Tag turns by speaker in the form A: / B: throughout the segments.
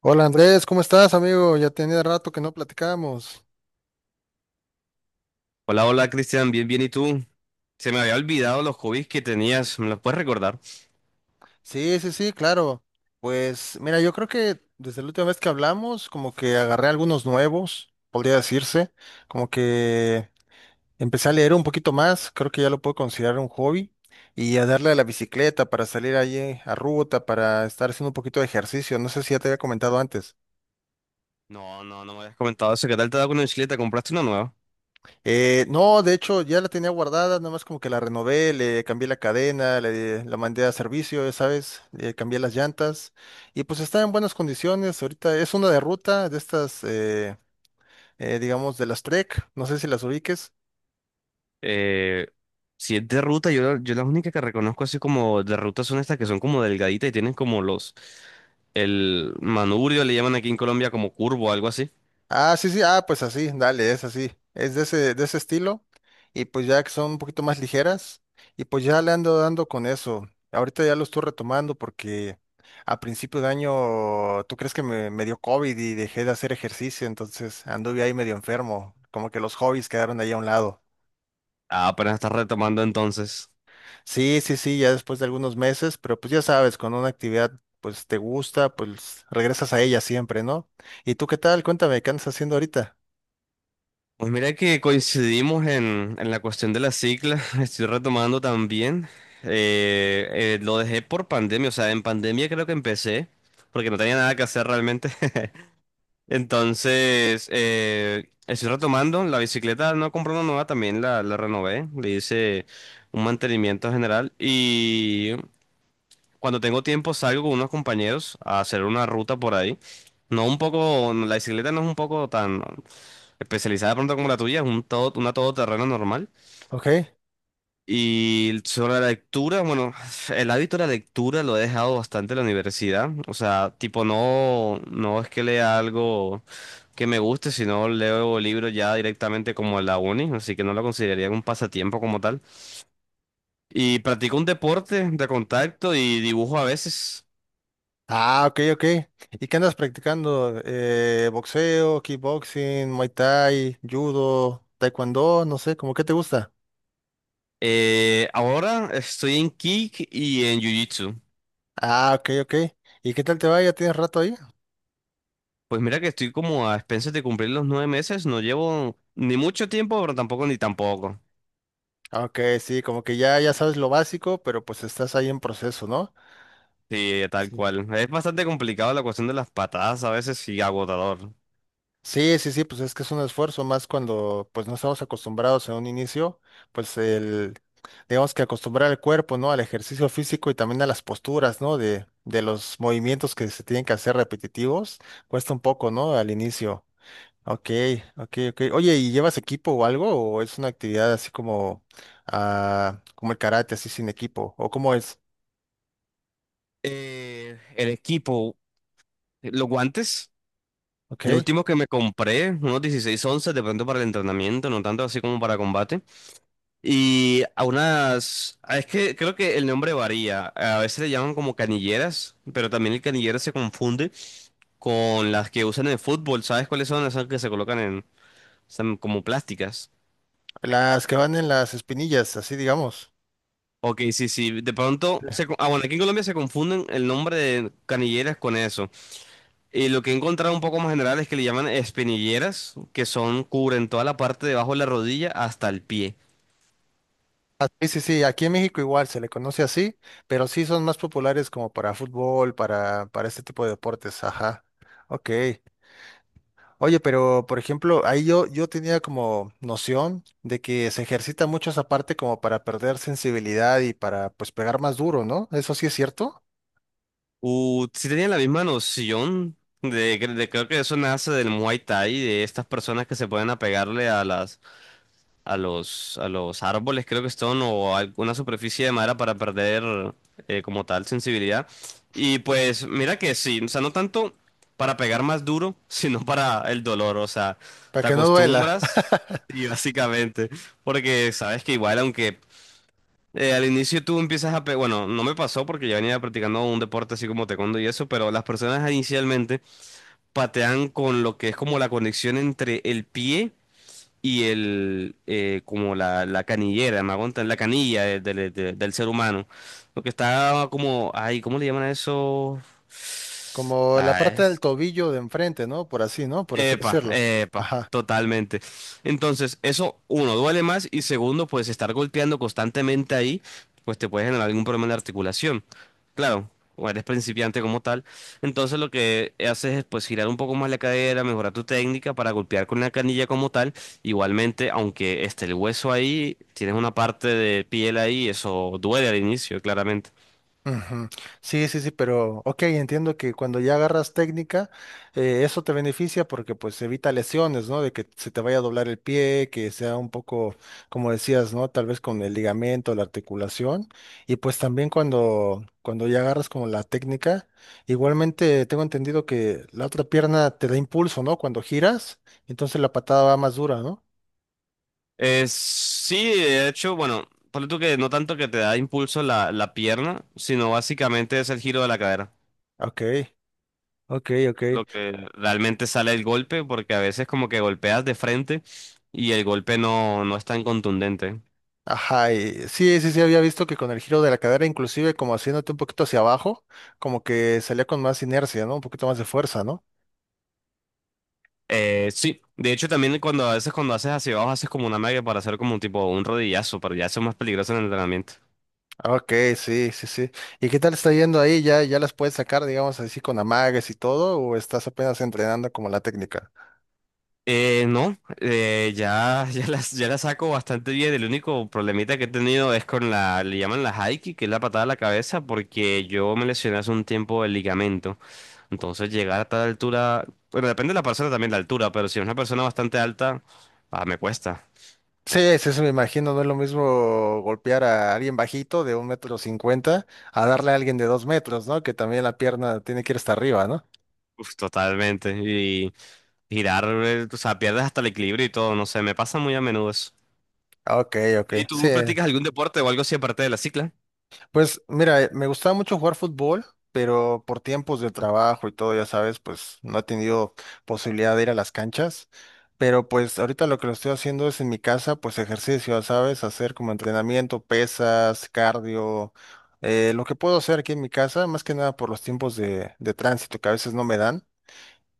A: Hola Andrés, ¿cómo estás, amigo? Ya tenía rato que no platicábamos.
B: Hola, hola Cristian, bien, bien, ¿y tú? Se me había olvidado los hobbies que tenías, ¿me los puedes recordar?
A: Sí, sí, sí, claro. Pues mira, yo creo que desde la última vez que hablamos, como que agarré algunos nuevos, podría decirse, como que empecé a leer un poquito más, creo que ya lo puedo considerar un hobby, y a darle a la bicicleta para salir allí a ruta, para estar haciendo un poquito de ejercicio. No sé si ya te había comentado antes.
B: No, no, no me habías comentado eso, ¿qué tal te ha dado con la bicicleta? ¿Compraste una nueva?
A: No, de hecho ya la tenía guardada, nada más como que la renové, le cambié la cadena, la mandé a servicio, ya sabes, le cambié las llantas y pues está en buenas condiciones. Ahorita es una de ruta de estas, digamos, de las Trek, no sé si las ubiques.
B: Eh, si es de ruta, yo las únicas que reconozco así como de ruta son estas que son como delgaditas y tienen como el manubrio le llaman aquí en Colombia como curvo, algo así.
A: Sí, sí, ah, pues así, dale, es así, es de de ese estilo, y pues ya que son un poquito más ligeras, y pues ya le ando dando con eso. Ahorita ya lo estoy retomando porque a principio de año, ¿tú crees que me dio COVID y dejé de hacer ejercicio? Entonces anduve ahí medio enfermo, como que los hobbies quedaron ahí a un lado.
B: Ah, apenas estás retomando entonces.
A: Sí, sí, sí, ya después de algunos meses, pero pues ya sabes, con una actividad pues te gusta, pues regresas a ella siempre, ¿no? ¿Y tú qué tal? Cuéntame, ¿qué andas haciendo ahorita?
B: Pues mira que coincidimos en la cuestión de la cicla, estoy retomando también. Eh, lo dejé por pandemia, o sea, en pandemia creo que empecé, porque no tenía nada que hacer realmente. Entonces, estoy retomando, la bicicleta no compré una nueva, también la renové, le hice un mantenimiento general y cuando tengo tiempo salgo con unos compañeros a hacer una ruta por ahí. No un poco, la bicicleta no es un poco tan especializada de pronto como la tuya, es un todo, una todoterreno normal.
A: Ok.
B: Y sobre la lectura, bueno, el hábito de la lectura lo he dejado bastante en la universidad. O sea, tipo, no, no es que lea algo que me guste, sino leo libros ya directamente como en la uni, así que no lo consideraría un pasatiempo como tal. Y practico un deporte de contacto y dibujo a veces.
A: Ah, ok, ok. ¿Y qué andas practicando? Boxeo, kickboxing, muay thai, judo, taekwondo, no sé, ¿cómo qué te gusta?
B: Ahora estoy en kick y en jiu-jitsu.
A: Ah, ok, ok. ¿Y qué tal te va? ¿Ya tienes rato ahí?
B: Pues mira que estoy como a expensas de cumplir los 9 meses, no llevo ni mucho tiempo, pero tampoco ni tampoco.
A: Ah, ok, sí, como que ya, ya sabes lo básico, pero pues estás ahí en proceso, ¿no?
B: Sí, tal
A: Sí.
B: cual. Es bastante complicado la cuestión de las patadas a veces y agotador.
A: Sí, sí, sí, pues es que es un esfuerzo más cuando pues no estamos acostumbrados en un inicio, pues el, tenemos que acostumbrar el cuerpo, ¿no? Al ejercicio físico y también a las posturas, ¿no? De los movimientos que se tienen que hacer repetitivos. Cuesta un poco, ¿no? Al inicio. Ok, ok, ok. Oye, ¿y llevas equipo o algo? ¿O es una actividad así como, ah, como el karate, así sin equipo? ¿O cómo es?
B: El equipo, los guantes, los
A: Ok.
B: últimos que me compré, unos 16 11, de pronto para el entrenamiento, no tanto así como para combate. Es que creo que el nombre varía, a veces le llaman como canilleras, pero también el canillero se confunde con las que usan en el fútbol, ¿sabes cuáles son? Esas que se colocan son como plásticas.
A: Las que van en las espinillas, así digamos.
B: Ok, sí, sí. De pronto,
A: Sí.
B: bueno, aquí en Colombia se confunden el nombre de canilleras con eso. Y lo que he encontrado un poco más general es que le llaman espinilleras, que cubren toda la parte debajo de la rodilla hasta el pie.
A: Ah, sí, sí, sí, aquí en México igual se le conoce así, pero sí son más populares como para fútbol, para este tipo de deportes, ajá. Ok. Oye, pero por ejemplo, ahí yo tenía como noción de que se ejercita mucho esa parte como para perder sensibilidad y para pues pegar más duro, ¿no? Eso sí es cierto,
B: Sí tenían la misma noción de creo que eso nace del Muay Thai, de estas personas que se pueden apegarle a los árboles, creo que son, o alguna superficie de madera para perder como tal sensibilidad. Y pues mira que sí, o sea, no tanto para pegar más duro, sino para el dolor, o sea,
A: para
B: te
A: que no duela.
B: acostumbras y básicamente, porque sabes que igual aunque... al inicio tú empiezas bueno, no me pasó porque yo venía practicando un deporte así como taekwondo y eso, pero las personas inicialmente patean con lo que es como la conexión entre el pie y como la canillera, me aguantan la canilla del ser humano. Lo que está como, ay, ¿cómo le llaman a eso?
A: Como la parte del tobillo de enfrente, ¿no? Por así, ¿no? Por así
B: Epa,
A: decirlo.
B: epa,
A: Ajá.
B: totalmente. Entonces, eso, uno, duele más y segundo, pues estar golpeando constantemente ahí, pues te puede generar algún problema de articulación. Claro, o eres principiante como tal. Entonces lo que haces es pues girar un poco más la cadera, mejorar tu técnica para golpear con la canilla como tal. Igualmente, aunque esté el hueso ahí, tienes una parte de piel ahí, eso duele al inicio, claramente.
A: Ujú. Sí, sí, sí, pero ok, entiendo que cuando ya agarras técnica, eso te beneficia porque pues evita lesiones, ¿no? De que se te vaya a doblar el pie, que sea un poco, como decías, ¿no? Tal vez con el ligamento, la articulación. Y pues también cuando ya agarras como la técnica, igualmente tengo entendido que la otra pierna te da impulso, ¿no? Cuando giras, entonces la patada va más dura, ¿no?
B: Sí, de hecho, bueno, ponle tú que no tanto que te da impulso la pierna, sino básicamente es el giro de la cadera,
A: Ok, ok, ok.
B: lo que realmente sale el golpe, porque a veces como que golpeas de frente y el golpe no, no es tan contundente.
A: Ajá, y sí, sí, sí, había visto que con el giro de la cadera, inclusive como haciéndote un poquito hacia abajo, como que salía con más inercia, ¿no? Un poquito más de fuerza, ¿no?
B: Sí, de hecho también cuando a veces cuando haces hacia abajo haces como una magia para hacer como un tipo un rodillazo, pero ya eso es más peligroso en el entrenamiento.
A: Ah, ok, sí, sí, sí. ¿Y qué tal está yendo ahí? ¿Ya, ya las puedes sacar, digamos así, con amagues y todo? ¿O estás apenas entrenando como la técnica?
B: No, ya, ya las saco bastante bien. El único problemita que he tenido es con le llaman la haiki, que es la patada a la cabeza, porque yo me lesioné hace un tiempo el ligamento. Entonces llegar a tal altura, bueno, depende de la persona también la altura, pero si es una persona bastante alta, me cuesta.
A: Sí, sí, sí, me imagino, no es lo mismo golpear a alguien bajito de 1,50 m a darle a alguien de 2 m, ¿no? Que también la pierna tiene que ir hasta arriba, ¿no?
B: Uf, totalmente. Y girar, o sea, pierdes hasta el equilibrio y todo, no sé, me pasa muy a menudo eso.
A: Ah, ok, ok.
B: ¿Y
A: Sí,
B: tú practicas algún deporte o algo así aparte de la cicla?
A: pues mira, me gustaba mucho jugar fútbol, pero por tiempos de trabajo y todo, ya sabes, pues no he tenido posibilidad de ir a las canchas. Pero pues ahorita lo que lo estoy haciendo es en mi casa, pues ejercicio, ya sabes, hacer como entrenamiento, pesas, cardio, lo que puedo hacer aquí en mi casa, más que nada por los tiempos de tránsito que a veces no me dan.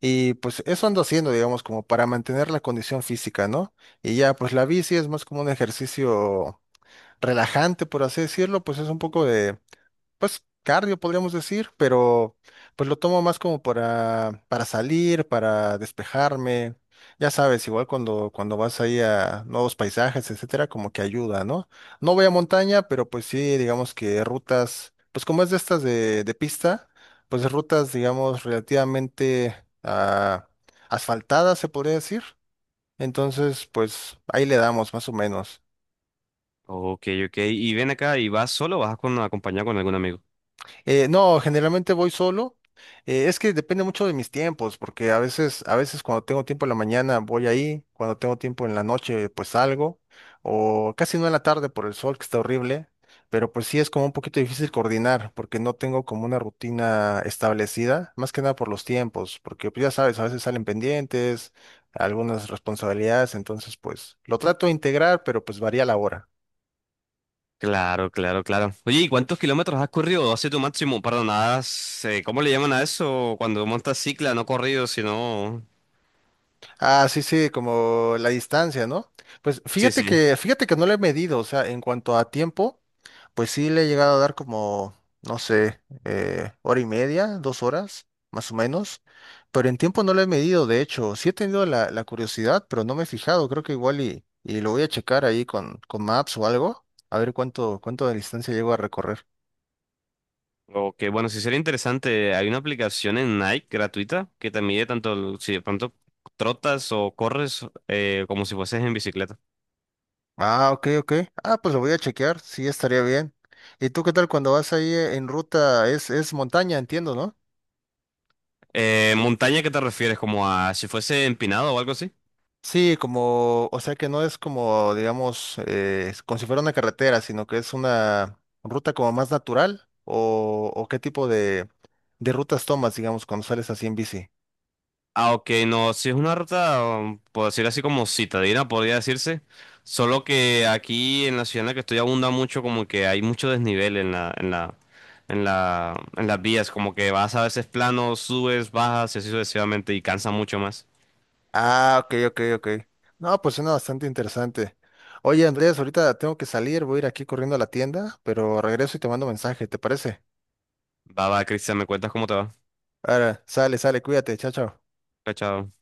A: Y pues eso ando haciendo, digamos, como para mantener la condición física, ¿no? Y ya, pues la bici es más como un ejercicio relajante, por así decirlo, pues es un poco de pues cardio podríamos decir, pero pues lo tomo más como para salir, para despejarme. Ya sabes, igual cuando vas ahí a nuevos paisajes, etcétera, como que ayuda, ¿no? No voy a montaña, pero pues sí, digamos que rutas, pues como es de estas de pista, pues rutas, digamos, relativamente ah, asfaltadas, se podría decir. Entonces, pues ahí le damos más o menos.
B: Ok, ok. ¿Y ven acá y vas solo o vas con acompañado con algún amigo?
A: No, generalmente voy solo. Es que depende mucho de mis tiempos, porque a veces cuando tengo tiempo en la mañana voy ahí, cuando tengo tiempo en la noche pues salgo, o casi no en la tarde por el sol que está horrible, pero pues sí es como un poquito difícil coordinar, porque no tengo como una rutina establecida, más que nada por los tiempos, porque pues ya sabes, a veces salen pendientes, algunas responsabilidades, entonces pues lo trato de integrar, pero pues varía la hora.
B: Claro, claro, claro. Oye, ¿y cuántos kilómetros has corrido? Hace tu máximo, perdón, has, ¿cómo le llaman a eso? Cuando montas cicla, no corrido, sino...
A: Ah, sí, sí, como la distancia, ¿no? Pues
B: Sí, sí.
A: fíjate que no le he medido, o sea, en cuanto a tiempo, pues sí le he llegado a dar como, no sé, 1,5 horas, 2 horas, más o menos, pero en tiempo no lo he medido, de hecho, sí he tenido la curiosidad, pero no me he fijado, creo que igual y lo voy a checar ahí con Maps o algo, a ver cuánto de distancia llego a recorrer.
B: O que, bueno, si sería interesante, hay una aplicación en Nike gratuita que te mide tanto si de pronto trotas o corres como si fueses en bicicleta.
A: Ah, ok, ok. Ah, pues lo voy a chequear, sí estaría bien. ¿Y tú qué tal cuando vas ahí en ruta? Es montaña, entiendo, ¿no?
B: ¿Montaña qué te refieres? ¿Como a si fuese empinado o algo así?
A: Sí, como, o sea que no es como, digamos, es como si fuera una carretera, sino que es una ruta como más natural o qué tipo de rutas tomas, digamos, cuando sales así en bici.
B: Ah, ok, no, si es una ruta, puedo decir así como citadina, podría decirse. Solo que aquí en la ciudad en la que estoy abunda mucho, como que hay mucho desnivel en las vías, como que vas a veces plano, subes, bajas y así sucesivamente y cansa mucho más.
A: Ah, ok, ok, ok. No, pues suena bastante interesante. Oye, Andrés, ahorita tengo que salir, voy a ir aquí corriendo a la tienda, pero regreso y te mando mensaje, ¿te parece?
B: Va, va, Cristian, ¿me cuentas cómo te va?
A: Ahora, sale, sale, cuídate, chao, chao.
B: Chao, chao.